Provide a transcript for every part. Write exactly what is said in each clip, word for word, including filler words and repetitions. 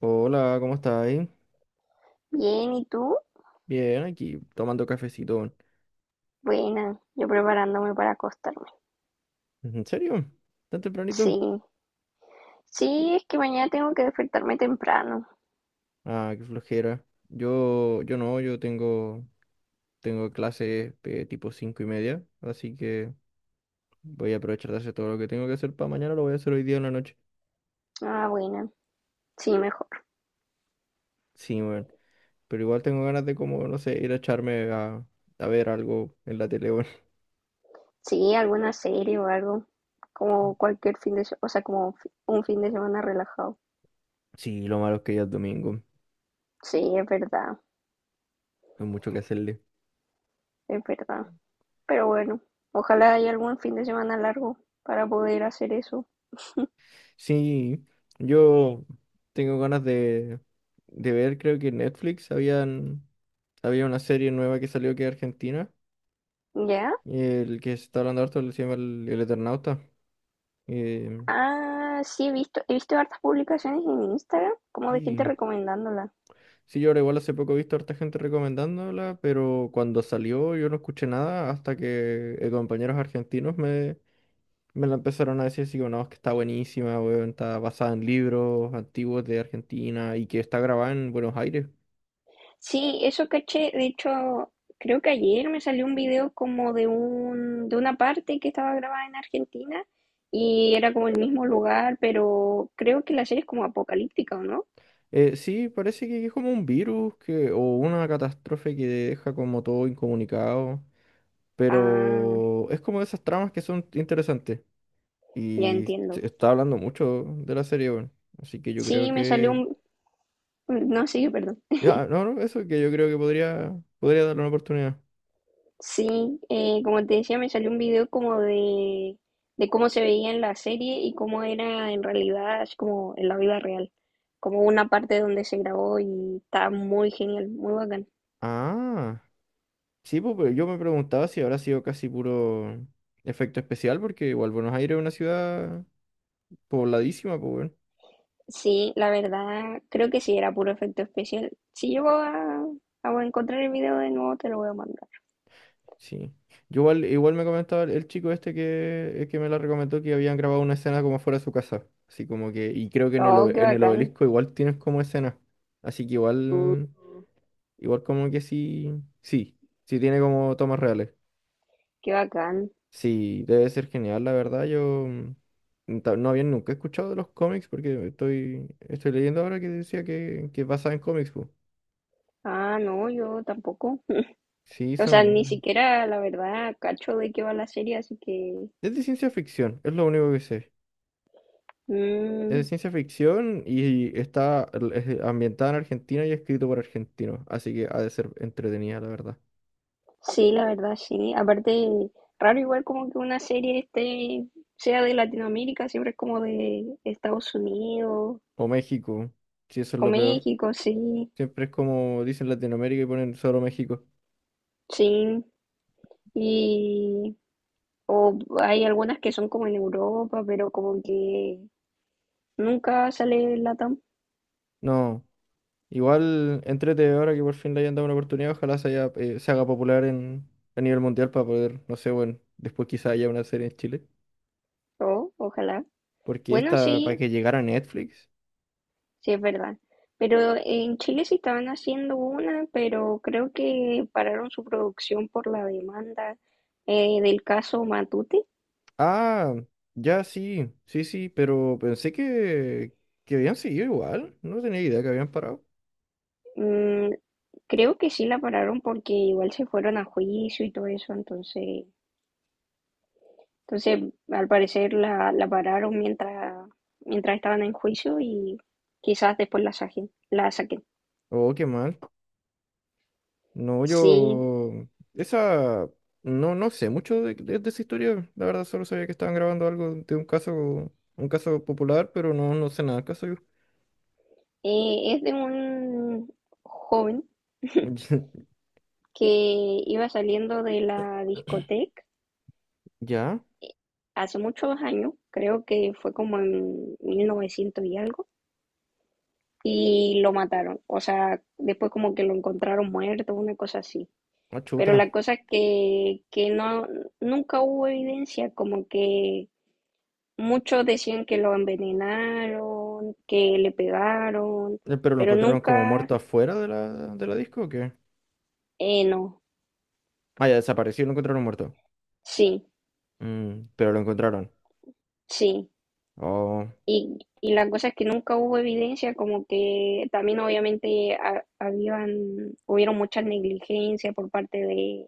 Hola, ¿cómo estáis? Bien, ¿y tú? Bien, aquí tomando cafecito. Buena, yo preparándome para acostarme. ¿En serio? ¿Tan tempranito? Sí, sí, es que mañana tengo que despertarme temprano. Ah, qué flojera. Yo, yo no, yo tengo, tengo clases de tipo cinco y media, así que voy a aprovechar de hacer todo lo que tengo que hacer para mañana, lo voy a hacer hoy día en la noche. Ah, buena, sí, mejor. Sí, weón. Pero igual tengo ganas de como, no sé, ir a echarme a, a ver algo en la tele, weón. Sí, alguna serie o algo, como cualquier fin de semana, o sea, como fi- un fin de semana relajado. Sí, lo malo es que ya es domingo, no Sí, es verdad, hay mucho que hacerle. es verdad. Pero bueno, ojalá haya algún fin de semana largo para poder hacer eso. Sí, yo tengo ganas de, de ver, creo que en Netflix habían, había una serie nueva que salió que es Argentina, ¿Ya? el que se está hablando harto se llama El, el Eternauta. Eh, Ah, sí, he visto, he visto hartas publicaciones en Instagram, como de gente sí, recomendándola. sí, yo ahora igual hace poco he visto harta gente recomendándola, pero cuando salió yo no escuché nada hasta que eh, compañeros argentinos me, me la empezaron a decir así como, no, es que está buenísima, weón, está basada en libros antiguos de Argentina y que está grabada en Buenos Aires. Sí, eso caché. De hecho, creo que ayer me salió un video como de un, de una parte que estaba grabada en Argentina y era como el mismo lugar, pero creo que la serie es como apocalíptica, ¿o no? Eh, sí, parece que es como un virus que, o una catástrofe que deja como todo incomunicado, Ah, pero es como de esas tramas que son interesantes ya y entiendo. se está hablando mucho de la serie. Bueno, así que yo creo Sí, me salió que, un... No, sí, perdón. ya, no, no, eso que yo creo que podría, podría darle una oportunidad. Sí, eh, como te decía, me salió un video como de, de cómo se veía en la serie y cómo era en realidad, así como en la vida real. Como una parte donde se grabó y está muy genial, muy bacán. Ah, sí, pues, pero yo me preguntaba si habrá sido casi puro efecto especial, porque igual Buenos Aires es una ciudad pobladísima, pues, bueno. Sí, la verdad, creo que sí, era puro efecto especial. Si llego a, a encontrar el video de nuevo, te lo voy a mandar. Sí. Yo igual, igual me comentaba el el chico este que, el que me la recomendó que habían grabado una escena como fuera de su casa. Así como que, y creo que en el, Oh, qué obe- en el bacán. obelisco igual tienes como escena. Así que Uh, igual, igual como que sí, sí, sí tiene como tomas reales. qué bacán. Sí, debe ser genial, la verdad. Yo mm, ta- no había nunca escuchado de los cómics porque estoy, estoy leyendo ahora que decía que, que es basada en cómics, po. Ah, no, yo tampoco. Sí, O sea, ni son. siquiera, la verdad, cacho de qué va la serie, así que... Es de ciencia ficción, es lo único que sé. Mm, Es ciencia ficción y está el- ambientada en Argentina y escrito por argentinos, así que ha de ser entretenida, la verdad. sí, la verdad, sí. Aparte, raro igual como que una serie este sea de Latinoamérica, siempre es como de Estados Unidos O México, si eso es o lo peor. México, sí, Siempre es como dicen Latinoamérica y ponen solo México. sí. Y o hay algunas que son como en Europa, pero como que nunca sale Latam. No, igual entrete ahora que por fin le hayan dado una oportunidad, ojalá se, haya, eh, se haga popular en, a nivel mundial para poder, no sé, bueno, después quizá haya una serie en Chile. O, ojalá. Porque Bueno, esta, para sí, que llegara a Netflix. sí es verdad. Pero en Chile sí estaban haciendo una, pero creo que pararon su producción por la demanda eh, del caso Matute. Ah, ya sí, sí, sí, pero pensé que, que habían seguido igual. No tenía idea que habían parado. Mm, creo que sí la pararon porque igual se fueron a juicio y todo eso, entonces entonces, al parecer la, la pararon mientras, mientras estaban en juicio y quizás después la saquen. La saquen. Oh, qué mal. No, Sí, yo. Esa. No, no sé mucho de, de- de esa historia. La verdad, solo sabía que estaban grabando algo de un caso, un caso popular, pero no, no sé nada del caso yo. eh, es de un joven que iba saliendo de la discoteca Ya, eh, hace muchos años, creo que fue como en mil novecientos y algo, y lo mataron. O sea, después como que lo encontraron muerto, una cosa así. ah, Pero chuta. la cosa es que, que no, nunca hubo evidencia como que muchos decían que lo envenenaron, que le pegaron, Eh, ¿Pero lo pero encontraron como nunca, muerto afuera de la, de la disco o qué? eh, no, Ah, ya desapareció y lo encontraron muerto. sí, Mm, pero lo encontraron. sí. Oh, Y, y la cosa es que nunca hubo evidencia, como que también obviamente ha- habían, hubieron muchas negligencias por parte de,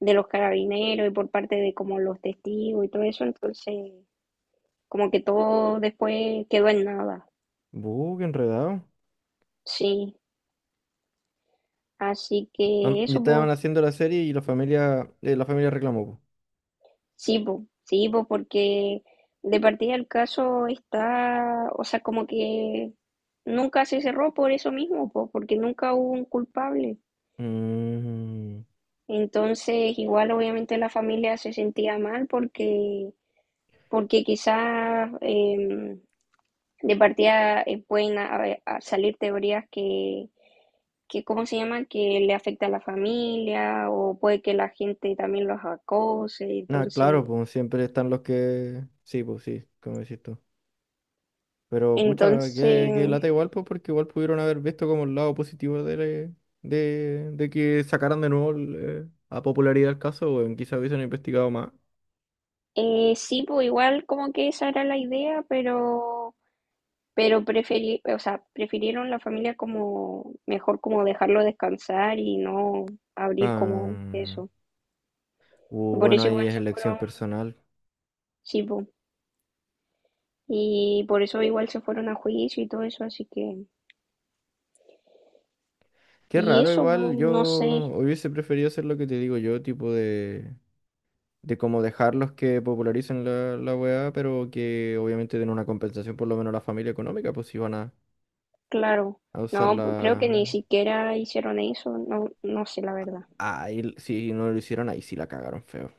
de los carabineros y por parte de como los testigos y todo eso, entonces como que todo después quedó en nada, buh, qué enredado. sí. Así Am- que Y eso, pues, estaban haciendo la serie y la familia, eh, la familia reclamó, sí, po, sí, po, porque de partida el caso está, o sea, como que nunca se cerró por eso mismo, po, porque nunca hubo un culpable. po. Mm, Entonces, igual obviamente la familia se sentía mal porque, porque quizás eh, de partida eh, pueden a- a salir teorías que, que, ¿cómo se llama? Que le afecta a la familia o puede que la gente también los acose. nada, Entonces, claro, pues siempre están los que. Sí, pues sí, como decís tú. Pero pucha, que, que entonces... lata igual, pues porque igual pudieron haber visto como el lado positivo de, la- de, de que sacaran de nuevo el, eh, a popularidad el caso, o quizás hubiesen investigado más. Eh, sí, pues igual como que esa era la idea, pero, pero preferí, o sea, prefirieron la familia como mejor como dejarlo descansar y no abrir como Ah, eso. uh, Por bueno, eso ahí igual es se elección fueron, personal. sí, pues, y por eso igual se fueron a juicio y todo eso, así que, Qué y raro, eso, igual pues, yo no sé, hubiese preferido hacer lo que te digo yo, tipo de... de cómo dejarlos que popularicen la, la weá, pero que obviamente den una compensación por lo menos a la familia económica, pues si van a, claro, a usar no, pues, creo la. que ni siquiera hicieron eso, no, no sé la verdad. Ay, si no lo hicieron, ahí sí la cagaron feo.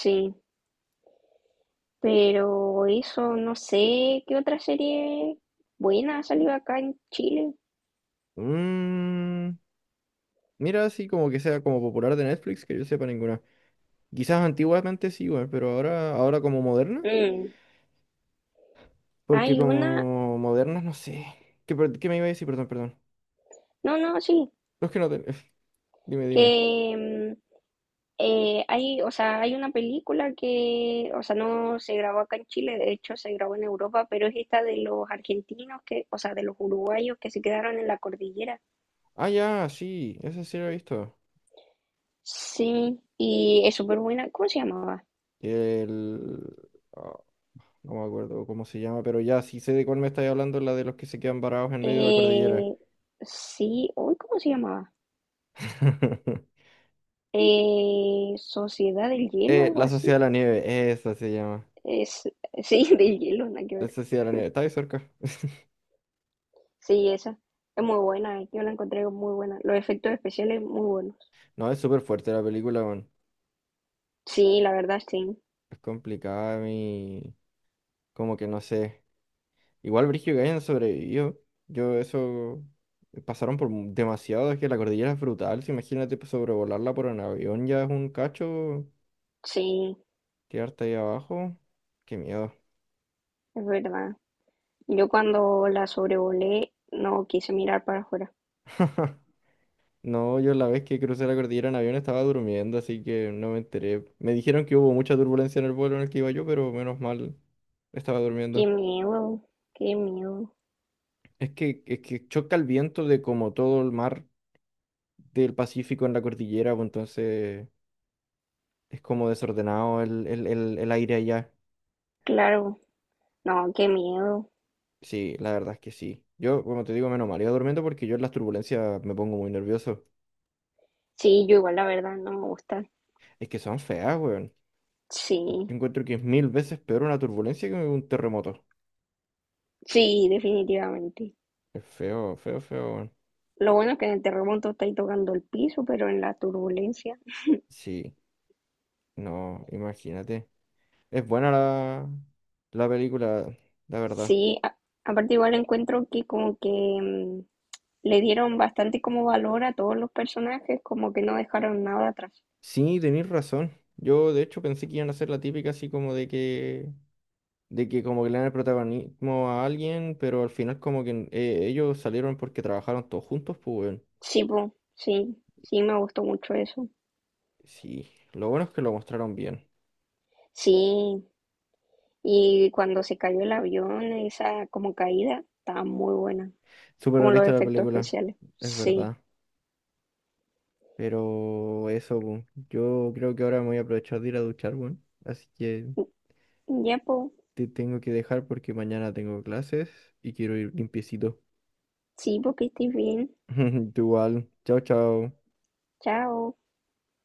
Sí. Pero eso, no sé qué otra serie buena ha salido acá en Chile. Mm, mira, así como que sea como popular de Netflix, que yo sepa ninguna. Quizás antiguamente sí, weón, pero ahora, ahora como moderna, Mm, porque hay una, como moderna no sé. ¿Qué, per- qué me iba a decir? Perdón, perdón. no, no, sí, No, es que no te- Dime, dime. que mm, eh, hay, o sea, hay una película que, o sea, no se grabó acá en Chile, de hecho se grabó en Europa, pero es esta de los argentinos que, o sea, de los uruguayos que se quedaron en la cordillera. Ah, ya, sí, esa sí la he visto. Sí, y es súper buena. ¿Cómo se llamaba? El. No me acuerdo cómo se llama, pero ya sí sé de cuál me estáis hablando, la de los que se quedan varados en medio de la cordillera. Eh, sí, uy, ¿cómo se llamaba? Eh, Sociedad del Hielo, Eh, algo La así. Sociedad de la Nieve, esa se llama. Es, sí, de hielo, nada que La ver. Sociedad de la Nieve, está ahí cerca. Sí, esa es muy buena, eh, yo la encontré muy buena. Los efectos especiales muy buenos. No, es súper fuerte la película, weón. Sí, la verdad, sí, Es complicada, mi. Como que no sé. Igual Brígido que hayan sobrevivido. Yo eso. Pasaron por mu- demasiado, es que la cordillera es brutal. Si imagínate pues, sobrevolarla por un avión, ya es un cacho. sí, Quedarte ahí abajo. Qué miedo. es verdad. Yo cuando la sobrevolé no quise mirar para afuera. No, yo la vez que crucé la cordillera en avión estaba durmiendo, así que no me enteré. Me dijeron que hubo mucha turbulencia en el vuelo en el que iba yo, pero menos mal estaba Qué durmiendo. miedo, qué miedo. Es que, es que choca el viento de como todo el mar del Pacífico en la cordillera, pues entonces es como desordenado el, el, el, el aire allá. Claro, no, qué miedo. Sí, la verdad es que sí. Yo, como te digo, menos mal iba durmiendo porque yo en las turbulencias me pongo muy nervioso. Sí, yo igual la verdad no me gusta. Es que son feas, weón. Yo Sí, encuentro que es mil veces peor una turbulencia que un terremoto. sí, definitivamente. Es feo, feo, feo, weón. Lo bueno es que en el terremoto estáis tocando el piso, pero en la turbulencia... Sí. No, imagínate. Es buena la, la película, la verdad. Sí, a- aparte igual encuentro que como que mm, le dieron bastante como valor a todos los personajes, como que no dejaron nada atrás. Sí, tenéis razón. Yo de hecho pensé que iban a hacer la típica así como de que, de que como que le dan el protagonismo a alguien, pero al final como que eh, ellos salieron porque trabajaron todos juntos, pues weón. Sí, po, sí, sí me gustó mucho eso. Sí, lo bueno es que lo mostraron bien. Sí, y cuando se cayó el avión, esa como caída, estaba muy buena, Súper como los realista la efectos película, especiales. es Sí, verdad. Pero eso, pu, yo creo que ahora me voy a aprovechar de ir a duchar, weón. Así que ya po, te tengo que dejar porque mañana tengo clases y quiero ir limpiecito. sí, porque estés bien. Tú igual. Chao, chao. Chao.